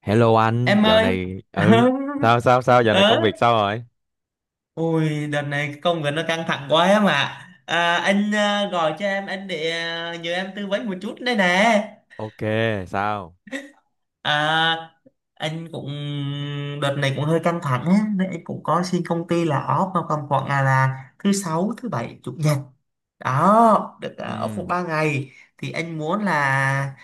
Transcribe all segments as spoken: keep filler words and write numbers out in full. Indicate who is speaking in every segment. Speaker 1: Hello anh,
Speaker 2: Em
Speaker 1: dạo
Speaker 2: ơi.
Speaker 1: này ừ sao sao sao dạo này
Speaker 2: ờ
Speaker 1: công việc sao rồi?
Speaker 2: Ui đợt này công việc nó căng thẳng quá em ạ. À, anh à, gọi cho em anh để à, nhờ em tư vấn một chút đây nè.
Speaker 1: Ok, sao?
Speaker 2: à, anh cũng đợt này cũng hơi căng thẳng á, nên anh cũng có xin công ty là off vào tầm khoảng là, là thứ sáu, thứ bảy, chủ nhật đó, được à, ở phụ
Speaker 1: Ừ,
Speaker 2: ba ngày. Thì anh muốn là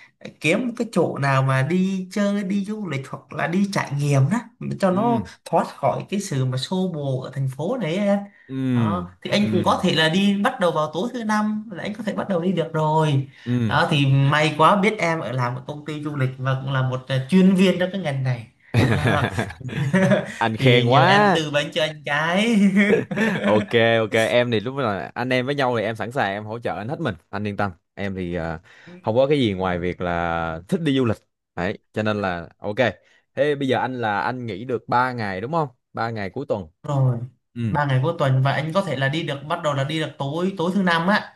Speaker 2: kiếm một cái chỗ nào mà đi chơi, đi du lịch, hoặc là đi trải nghiệm đó, cho nó
Speaker 1: ừ,
Speaker 2: thoát khỏi cái sự mà xô bồ ở thành phố này ấy em.
Speaker 1: ừ,
Speaker 2: Đó thì anh
Speaker 1: ừ,
Speaker 2: cũng có thể là đi bắt đầu vào tối thứ năm, là anh có thể bắt đầu đi được rồi.
Speaker 1: ừ.
Speaker 2: Đó thì may quá biết em ở làm một công ty du lịch và cũng là một à, chuyên viên trong cái ngành này đó.
Speaker 1: Anh
Speaker 2: Thì
Speaker 1: khen
Speaker 2: nhờ em
Speaker 1: quá.
Speaker 2: tư vấn cho anh cái.
Speaker 1: Ok, ok, em thì lúc là anh em với nhau thì em sẵn sàng, em hỗ trợ anh hết mình, anh yên tâm. Em thì à, không có cái gì ngoài việc là thích đi du lịch. Đấy, cho nên là ok. Thế bây giờ anh là anh nghỉ được ba ngày đúng không? Ba ngày cuối tuần.
Speaker 2: Rồi,
Speaker 1: Ừ,
Speaker 2: ba ngày cuối tuần, và anh có thể là đi được, bắt đầu là đi được tối tối thứ năm á,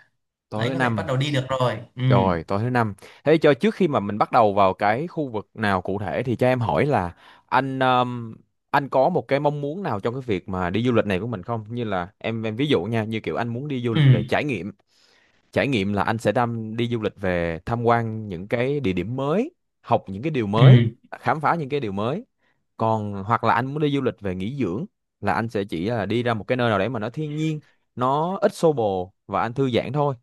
Speaker 2: là
Speaker 1: tối
Speaker 2: anh
Speaker 1: thứ
Speaker 2: có thể
Speaker 1: năm.
Speaker 2: bắt đầu đi được rồi. Ừ,
Speaker 1: Rồi, tối thứ năm. Thế cho trước khi mà mình bắt đầu vào cái khu vực nào cụ thể thì cho em hỏi là anh um, anh có một cái mong muốn nào trong cái việc mà đi du lịch này của mình không? Như là em em ví dụ nha, như kiểu anh muốn đi du
Speaker 2: ừ,
Speaker 1: lịch về trải nghiệm. Trải nghiệm là anh sẽ đam đi du lịch về tham quan những cái địa điểm mới, học những cái điều mới,
Speaker 2: ừ,
Speaker 1: khám phá những cái điều mới. Còn hoặc là anh muốn đi du lịch về nghỉ dưỡng là anh sẽ chỉ là đi ra một cái nơi nào đấy mà nó thiên nhiên, nó ít xô bồ và anh thư giãn thôi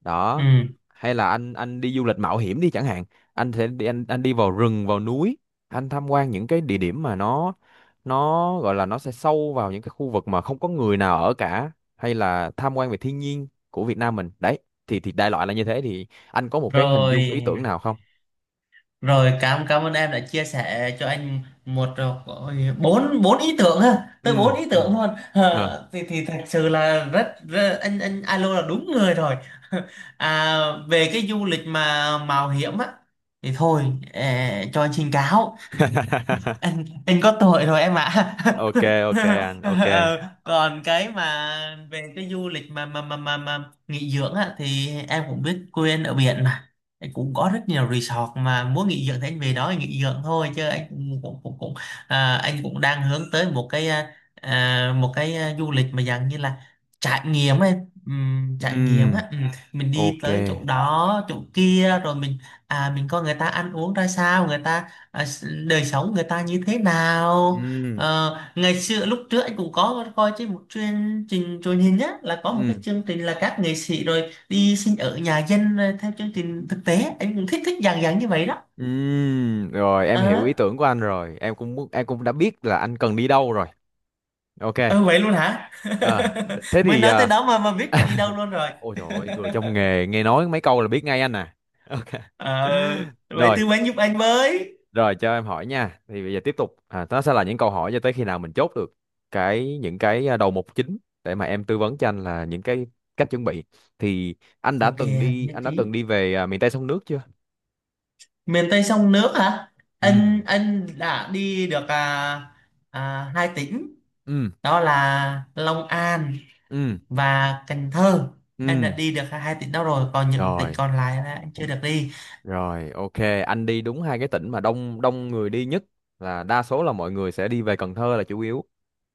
Speaker 1: đó.
Speaker 2: ừ,
Speaker 1: Hay là anh anh đi du lịch mạo hiểm đi chẳng hạn, anh sẽ đi anh anh đi vào rừng vào núi, anh tham quan những cái địa điểm mà nó nó gọi là nó sẽ sâu vào những cái khu vực mà không có người nào ở cả, hay là tham quan về thiên nhiên của Việt Nam mình đấy. Thì thì đại loại là như thế, thì anh có một cái hình dung
Speaker 2: rồi
Speaker 1: ý tưởng nào không?
Speaker 2: rồi, cảm cảm ơn em đã chia sẻ cho anh một, ôi, bốn bốn ý tưởng ha, tới
Speaker 1: Ừ,
Speaker 2: bốn ý
Speaker 1: ừ.
Speaker 2: tưởng luôn.
Speaker 1: Ờ.
Speaker 2: Ờ, thì thì thật sự là rất, rất, anh anh alo là đúng người rồi. à, Về cái du lịch mà mạo hiểm á thì thôi, ờ, cho anh xin cáo, anh anh có tội rồi em ạ.
Speaker 1: Ok, ok, anh ok.
Speaker 2: Ờ, còn cái mà về cái du lịch mà mà mà mà, mà nghỉ dưỡng á, thì em cũng biết quê anh ở biển mà. Anh cũng có rất nhiều resort, mà muốn nghỉ dưỡng thì anh về đó anh nghỉ dưỡng thôi, chứ anh cũng cũng cũng, cũng à, anh cũng đang hướng tới một cái à, à, một cái à, du lịch mà dạng như là trải nghiệm ấy. Ừm, trải nghiệm
Speaker 1: Ừm,
Speaker 2: á. Ừm, mình đi
Speaker 1: ok.
Speaker 2: tới chỗ đó chỗ kia rồi mình, à, mình coi người ta ăn uống ra sao, người ta à, s- đời sống người ta như thế nào.
Speaker 1: Ừm.
Speaker 2: Ờ, ngày xưa lúc trước anh cũng có coi trên một chương trình truyền hình á, là có một
Speaker 1: Ừm.
Speaker 2: cái chương trình là các nghệ sĩ rồi đi sinh ở nhà dân rồi theo chương trình thực tế, anh cũng thích thích dạng dạng như vậy đó.
Speaker 1: Ừm, rồi em hiểu
Speaker 2: Ờ,
Speaker 1: ý tưởng của anh rồi. Em cũng muốn, em cũng đã biết là anh cần đi đâu rồi. Ok.
Speaker 2: ờ, vậy luôn hả?
Speaker 1: À, Thế
Speaker 2: Mới
Speaker 1: thì,
Speaker 2: nói tới
Speaker 1: à
Speaker 2: đó mà mà biết cả đi đâu luôn rồi.
Speaker 1: ôi trời ơi, người trong nghề nghe nói mấy câu là biết ngay anh à. Ok.
Speaker 2: Ờ, vậy
Speaker 1: Rồi,
Speaker 2: tư vấn giúp anh với.
Speaker 1: rồi cho em hỏi nha. Thì bây giờ tiếp tục, à, nó sẽ là những câu hỏi cho tới khi nào mình chốt được cái những cái à, đầu mục chính để mà em tư vấn cho anh là những cái cách chuẩn bị. Thì anh đã
Speaker 2: Ok,
Speaker 1: từng đi
Speaker 2: nhất
Speaker 1: anh đã
Speaker 2: trí.
Speaker 1: từng đi về à, miền Tây sông nước chưa?
Speaker 2: Miền Tây sông nước hả,
Speaker 1: Ừ.
Speaker 2: anh anh đã đi được, à, à, hai tỉnh,
Speaker 1: Ừ.
Speaker 2: đó là Long An
Speaker 1: Ừ.
Speaker 2: và Cần Thơ. Anh đã
Speaker 1: Ừ.
Speaker 2: đi được hai tỉnh đó rồi, còn những tỉnh
Speaker 1: Rồi,
Speaker 2: còn lại là anh chưa được đi.
Speaker 1: rồi, ok, anh đi đúng hai cái tỉnh mà đông đông người đi nhất, là đa số là mọi người sẽ đi về Cần Thơ là chủ yếu.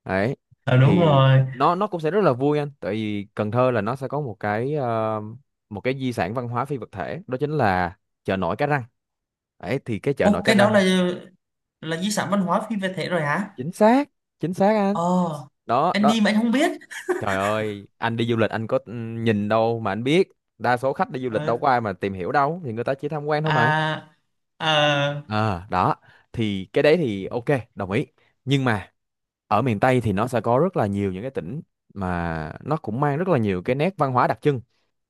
Speaker 1: Đấy.
Speaker 2: Ờ, đúng
Speaker 1: Thì
Speaker 2: rồi.
Speaker 1: nó nó cũng sẽ rất là vui anh, tại vì Cần Thơ là nó sẽ có một cái ờ, một cái di sản văn hóa phi vật thể, đó chính là chợ nổi Cái Răng. Đấy thì cái chợ nổi
Speaker 2: Ô,
Speaker 1: Cái
Speaker 2: cái đó
Speaker 1: Răng.
Speaker 2: là là di sản văn hóa phi vật thể rồi hả?
Speaker 1: Chính xác, chính xác anh.
Speaker 2: Ồ,
Speaker 1: Đó,
Speaker 2: anh
Speaker 1: đó.
Speaker 2: đi mà anh không biết.
Speaker 1: Trời ơi, anh đi du lịch anh có ừ, nhìn đâu mà anh biết. Đa số khách đi du lịch
Speaker 2: Ờ,
Speaker 1: đâu có ai mà tìm hiểu đâu, thì người ta chỉ tham quan thôi mà.
Speaker 2: à, ờ,
Speaker 1: Ờ, Đó thì cái đấy thì ok, đồng ý. Nhưng mà ở miền Tây thì nó sẽ có rất là nhiều những cái tỉnh mà nó cũng mang rất là nhiều cái nét văn hóa đặc trưng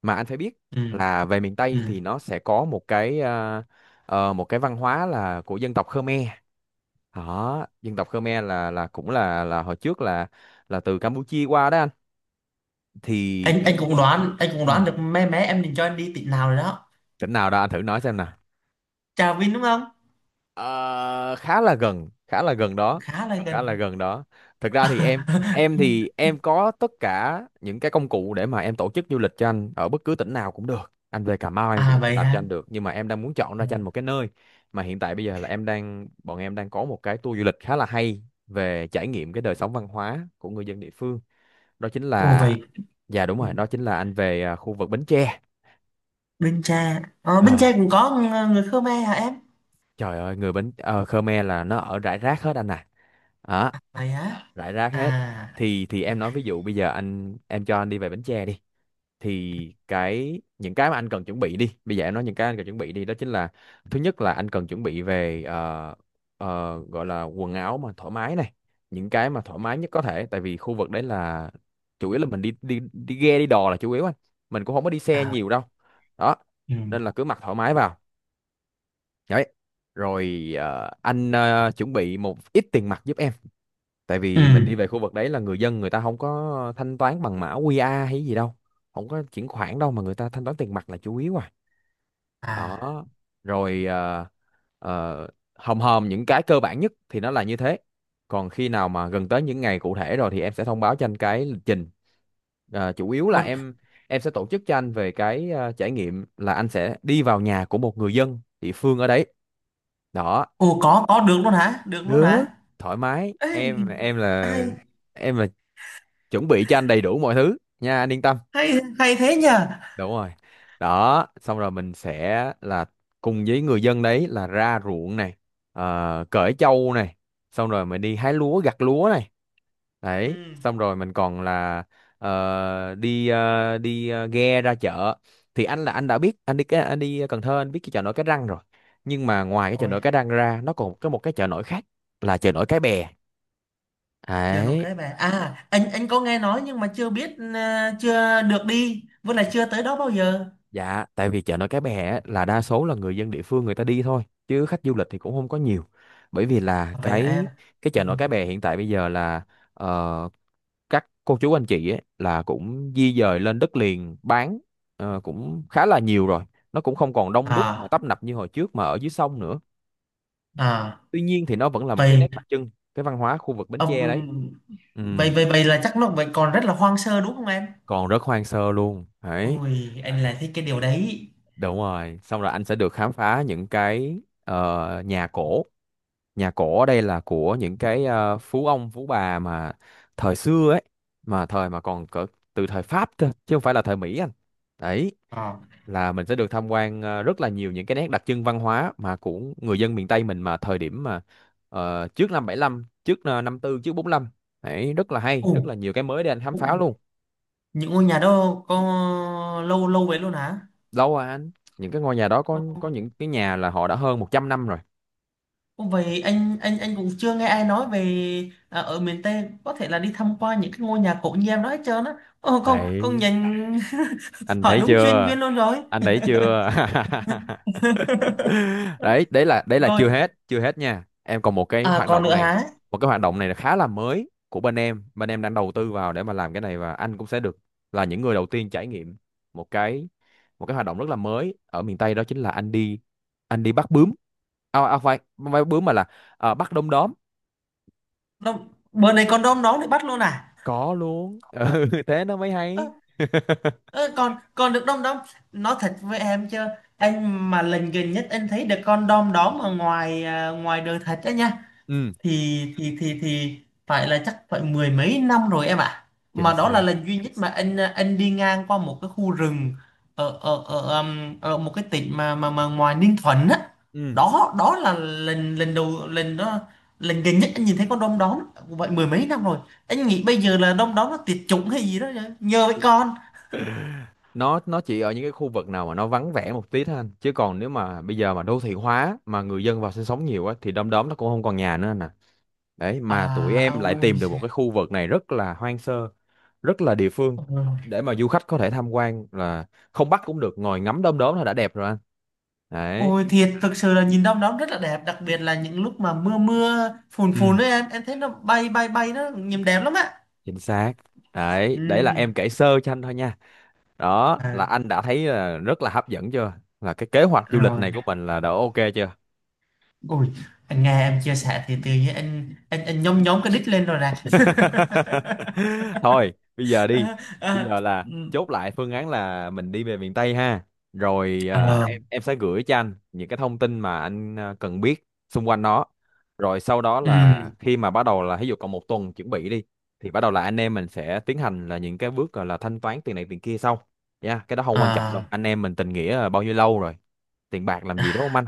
Speaker 1: mà anh phải biết,
Speaker 2: ừ,
Speaker 1: là về miền
Speaker 2: ừ.
Speaker 1: Tây thì nó sẽ có một cái ờ, ờ, một cái văn hóa là của dân tộc Khmer. Đó, dân tộc Khmer là là cũng là là hồi trước là là từ Campuchia qua đó anh, thì
Speaker 2: anh anh
Speaker 1: em.
Speaker 2: cũng đoán, anh cũng
Speaker 1: Ừ.
Speaker 2: đoán được mé mé em định cho anh đi tỉnh nào rồi đó.
Speaker 1: Tỉnh nào đó anh thử nói xem nè.
Speaker 2: Trà Vinh đúng không?
Speaker 1: Ờ, khá là gần, khá là gần đó,
Speaker 2: Khá là
Speaker 1: khá là
Speaker 2: gần.
Speaker 1: gần đó. Thực ra thì em em thì em có tất cả những cái công cụ để mà em tổ chức du lịch cho anh ở bất cứ tỉnh nào cũng được, anh về Cà Mau em
Speaker 2: À,
Speaker 1: cũng
Speaker 2: vậy
Speaker 1: làm cho
Speaker 2: hả.
Speaker 1: anh được, nhưng mà em đang muốn chọn ra
Speaker 2: Ừ.
Speaker 1: cho anh một cái nơi mà hiện tại bây giờ là em đang bọn em đang có một cái tour du lịch khá là hay về trải nghiệm cái đời sống văn hóa của người dân địa phương, đó chính
Speaker 2: Ồ
Speaker 1: là.
Speaker 2: vậy.
Speaker 1: Dạ đúng rồi, đó chính là anh về à, khu vực Bến Tre.
Speaker 2: Bến Tre, ờ, Bến
Speaker 1: Ờ,
Speaker 2: Tre cũng có ng- người Khmer hả em?
Speaker 1: trời ơi người Bến ờ, Khmer là nó ở rải rác hết anh à. Đó,
Speaker 2: Vậy hả?
Speaker 1: rải rác hết.
Speaker 2: À,
Speaker 1: Thì thì em nói ví dụ bây giờ anh em cho anh đi về Bến Tre đi, thì cái những cái mà anh cần chuẩn bị đi, bây giờ em nói những cái anh cần chuẩn bị đi đó chính là: thứ nhất là anh cần chuẩn bị về ờ, ờ, gọi là quần áo mà thoải mái này, những cái mà thoải mái nhất có thể, tại vì khu vực đấy là chủ yếu là mình đi đi đi ghe đi đò là chủ yếu anh, mình cũng không có đi
Speaker 2: ờ,
Speaker 1: xe nhiều đâu. Đó,
Speaker 2: ừ,
Speaker 1: nên là cứ mặc thoải mái vào. Đấy. Rồi ờ, anh ờ, chuẩn bị một ít tiền mặt giúp em, tại
Speaker 2: ừ,
Speaker 1: vì mình đi về khu vực đấy là người dân, người ta không có thanh toán bằng mã quy rờ hay gì đâu, không có chuyển khoản đâu mà người ta thanh toán tiền mặt là chủ yếu à.
Speaker 2: à.
Speaker 1: Đó. Rồi ờ, ờ, hòm hòm những cái cơ bản nhất thì nó là như thế, còn khi nào mà gần tới những ngày cụ thể rồi thì em sẽ thông báo cho anh cái lịch trình. Ờ, chủ yếu là
Speaker 2: Ô,
Speaker 1: em em sẽ tổ chức cho anh về cái ờ, trải nghiệm là anh sẽ đi vào nhà của một người dân địa phương ở đấy. Đó,
Speaker 2: ô, có có được luôn hả? Được luôn
Speaker 1: được.
Speaker 2: hả?
Speaker 1: Thoải mái,
Speaker 2: Ê,
Speaker 1: em em là
Speaker 2: hay,
Speaker 1: em chuẩn bị cho anh đầy đủ mọi thứ nha, anh yên tâm.
Speaker 2: hay, hay thế nhờ.
Speaker 1: Đúng rồi, đó, xong rồi mình sẽ là cùng với người dân đấy, là ra ruộng này, ờ, cởi trâu này, xong rồi mình đi hái lúa gặt lúa này,
Speaker 2: Ừ,
Speaker 1: đấy, xong rồi mình còn là ờ, đi ờ, đi ờ, ghe ra chợ. Thì anh là anh đã biết, anh đi cái anh đi Cần Thơ, anh biết cái chợ nổi Cái Răng rồi, nhưng mà ngoài cái chợ nổi
Speaker 2: rồi.
Speaker 1: Cái Răng ra nó còn có một cái chợ nổi khác là chợ nổi Cái Bè.
Speaker 2: Chờ nội
Speaker 1: Đấy.
Speaker 2: cái về à, anh anh có nghe nói, nhưng mà chưa biết, ờ, chưa được đi, với lại chưa tới đó bao giờ.
Speaker 1: Dạ, tại vì chợ nổi Cái Bè á, là đa số là người dân địa phương người ta đi thôi, chứ khách du lịch thì cũng không có nhiều. Bởi vì là
Speaker 2: Vậy hả em.
Speaker 1: cái cái chợ
Speaker 2: Ừ.
Speaker 1: nổi Cái Bè hiện tại bây giờ là ờ, các cô chú anh chị ấy, là cũng di dời lên đất liền bán, ờ, cũng khá là nhiều rồi. Nó cũng không còn đông đúc mà
Speaker 2: À,
Speaker 1: tấp nập như hồi trước mà ở dưới sông nữa.
Speaker 2: à.
Speaker 1: Tuy nhiên thì nó vẫn là một cái
Speaker 2: Vậy,
Speaker 1: nét đặc trưng cái văn hóa khu vực Bến Tre đấy.
Speaker 2: ông,
Speaker 1: Ừ,
Speaker 2: vậy vậy vậy là chắc nó vậy còn rất là hoang sơ đúng không em?
Speaker 1: còn rất hoang sơ luôn. Đấy,
Speaker 2: Ôi anh lại thích cái điều đấy.
Speaker 1: đúng rồi. Xong rồi anh sẽ được khám phá những cái ờ, nhà cổ. Nhà cổ ở đây là của những cái ờ, phú ông phú bà mà thời xưa ấy, mà thời mà còn cỡ từ thời Pháp cơ chứ không phải là thời Mỹ anh. Đấy,
Speaker 2: Ờ.
Speaker 1: là mình sẽ được tham quan ờ, rất là nhiều những cái nét đặc trưng văn hóa mà của người dân miền Tây mình mà thời điểm mà ờ, trước năm bảy lăm, trước ờ, năm tư, trước bốn lăm. Đấy, rất là hay,
Speaker 2: Ồ,
Speaker 1: rất là nhiều cái mới để anh khám
Speaker 2: ồ,
Speaker 1: phá luôn.
Speaker 2: những ngôi nhà đó có lâu lâu vậy luôn hả?
Speaker 1: Lâu rồi anh, những cái ngôi nhà đó có có những cái nhà là họ đã hơn một trăm năm rồi.
Speaker 2: Ô, vậy anh anh anh cũng chưa nghe ai nói về à, ở miền Tây có thể là đi tham quan những cái ngôi nhà cổ như em đó hết trơn á. Ồ, con con
Speaker 1: Đấy,
Speaker 2: nhìn.
Speaker 1: anh
Speaker 2: Hỏi
Speaker 1: thấy
Speaker 2: đúng chuyên
Speaker 1: chưa?
Speaker 2: viên luôn rồi.
Speaker 1: Anh thấy chưa? đấy đấy là đấy là
Speaker 2: Rồi,
Speaker 1: chưa hết, chưa hết nha em, còn một cái
Speaker 2: à,
Speaker 1: hoạt
Speaker 2: còn
Speaker 1: động
Speaker 2: nữa
Speaker 1: này.
Speaker 2: hả?
Speaker 1: Một cái hoạt động này là khá là mới của bên em, bên em đang đầu tư vào để mà làm cái này, và anh cũng sẽ được là những người đầu tiên trải nghiệm một cái, một cái hoạt động rất là mới ở miền Tây, đó chính là anh đi anh đi bắt bướm. À, à phải, không phải bắt bướm mà là, à, bắt đom đóm.
Speaker 2: Đông, bữa này con đom đóm để bắt luôn à?
Speaker 1: Có luôn. Ừ, thế nó mới
Speaker 2: Ơ,
Speaker 1: hay.
Speaker 2: ơ, còn còn được đom đóm. Nói thật với em chứ, anh mà lần gần nhất anh thấy được con đom đóm ở ngoài, à, ngoài đời thật đó nha.
Speaker 1: Ừ
Speaker 2: thì thì thì thì phải là chắc phải mười mấy năm rồi em ạ,
Speaker 1: chính
Speaker 2: mà đó là
Speaker 1: xác.
Speaker 2: lần duy nhất mà anh anh đi ngang qua một cái khu rừng ở ở ở, um, ở một cái tỉnh mà mà mà ngoài Ninh Thuận á.
Speaker 1: Ừ,
Speaker 2: Đó, đó là lần lần đầu, lần đó, lần gần nhất anh nhìn thấy con đom đóm, vậy mười mấy năm rồi. Anh nghĩ bây giờ là đom đóm nó tuyệt chủng hay gì đó nhờ, nhờ với con.
Speaker 1: nó nó chỉ ở những cái khu vực nào mà nó vắng vẻ một tí thôi anh, chứ còn nếu mà bây giờ mà đô thị hóa mà người dân vào sinh sống nhiều á thì đom đóm nó cũng không còn nhà nữa anh à. Đấy mà tụi
Speaker 2: À,
Speaker 1: em
Speaker 2: à,
Speaker 1: lại
Speaker 2: ôi
Speaker 1: tìm được một
Speaker 2: giời.
Speaker 1: cái khu vực này rất là hoang sơ, rất là địa phương,
Speaker 2: Ừ.
Speaker 1: để mà du khách có thể tham quan là không bắt cũng được, ngồi ngắm đom đóm là đã đẹp rồi anh. Đấy.
Speaker 2: Ôi thiệt, thực sự là nhìn đom đóm rất là đẹp, đặc biệt là những lúc mà mưa mưa phùn phùn
Speaker 1: Ừ.
Speaker 2: đấy em em thấy nó bay bay bay nó nhìn đẹp lắm á.
Speaker 1: Chính xác. Đấy đấy là
Speaker 2: Ừ.
Speaker 1: em kể sơ cho anh thôi nha. Đó
Speaker 2: À,
Speaker 1: là anh đã thấy là rất là hấp dẫn chưa? Là cái kế hoạch du lịch
Speaker 2: rồi
Speaker 1: này của mình là đã ok chưa?
Speaker 2: ôi anh nghe em chia sẻ thì tự nhiên anh anh anh nhóm nhóm cái đít lên rồi nè.
Speaker 1: Thôi, bây giờ đi.
Speaker 2: À,
Speaker 1: Bây
Speaker 2: à,
Speaker 1: giờ là
Speaker 2: ừ.
Speaker 1: chốt lại phương án là mình đi về miền Tây ha. Rồi à,
Speaker 2: Ờ,
Speaker 1: em em sẽ gửi cho anh những cái thông tin mà anh à, cần biết xung quanh nó. Rồi sau đó là
Speaker 2: ừ,
Speaker 1: khi mà bắt đầu là ví dụ còn một tuần chuẩn bị đi thì bắt đầu là anh em mình sẽ tiến hành là những cái bước gọi là thanh toán tiền này tiền kia sau. Nha, cái đó không quan trọng đâu.
Speaker 2: à,
Speaker 1: Anh em mình tình nghĩa là bao nhiêu lâu rồi. Tiền bạc làm gì đúng không anh?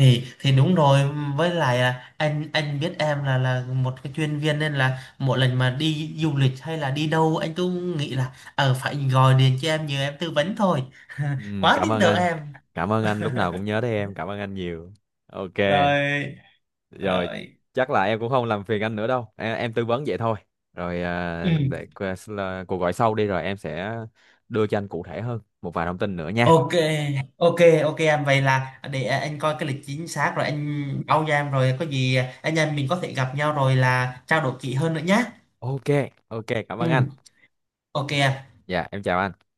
Speaker 2: thì thì đúng rồi, với lại à, anh anh biết em là là một cái chuyên viên, nên là mỗi lần mà đi du lịch hay là đi đâu anh cứ nghĩ là ờ phải gọi điện cho em nhờ em tư vấn thôi.
Speaker 1: Ừ,
Speaker 2: Quá
Speaker 1: cảm
Speaker 2: tin
Speaker 1: ơn
Speaker 2: tưởng
Speaker 1: anh.
Speaker 2: em.
Speaker 1: Cảm ơn anh lúc nào cũng nhớ tới em. Cảm ơn anh nhiều. Ok.
Speaker 2: Rồi,
Speaker 1: Rồi,
Speaker 2: rồi,
Speaker 1: chắc là em cũng không làm phiền anh nữa đâu em, em tư vấn vậy thôi. Rồi à,
Speaker 2: ừ.
Speaker 1: để qua- là cuộc gọi sau đi rồi em sẽ đưa cho anh cụ thể hơn một vài thông tin nữa nha.
Speaker 2: Ok, ok, ok em, vậy là để anh coi cái lịch chính xác rồi anh báo cho em, rồi có gì anh em mình có thể gặp nhau rồi là trao đổi kỹ hơn nữa nhé.
Speaker 1: Ok, ok, cảm
Speaker 2: Ừ,
Speaker 1: ơn anh.
Speaker 2: ok em.
Speaker 1: Dạ em chào anh.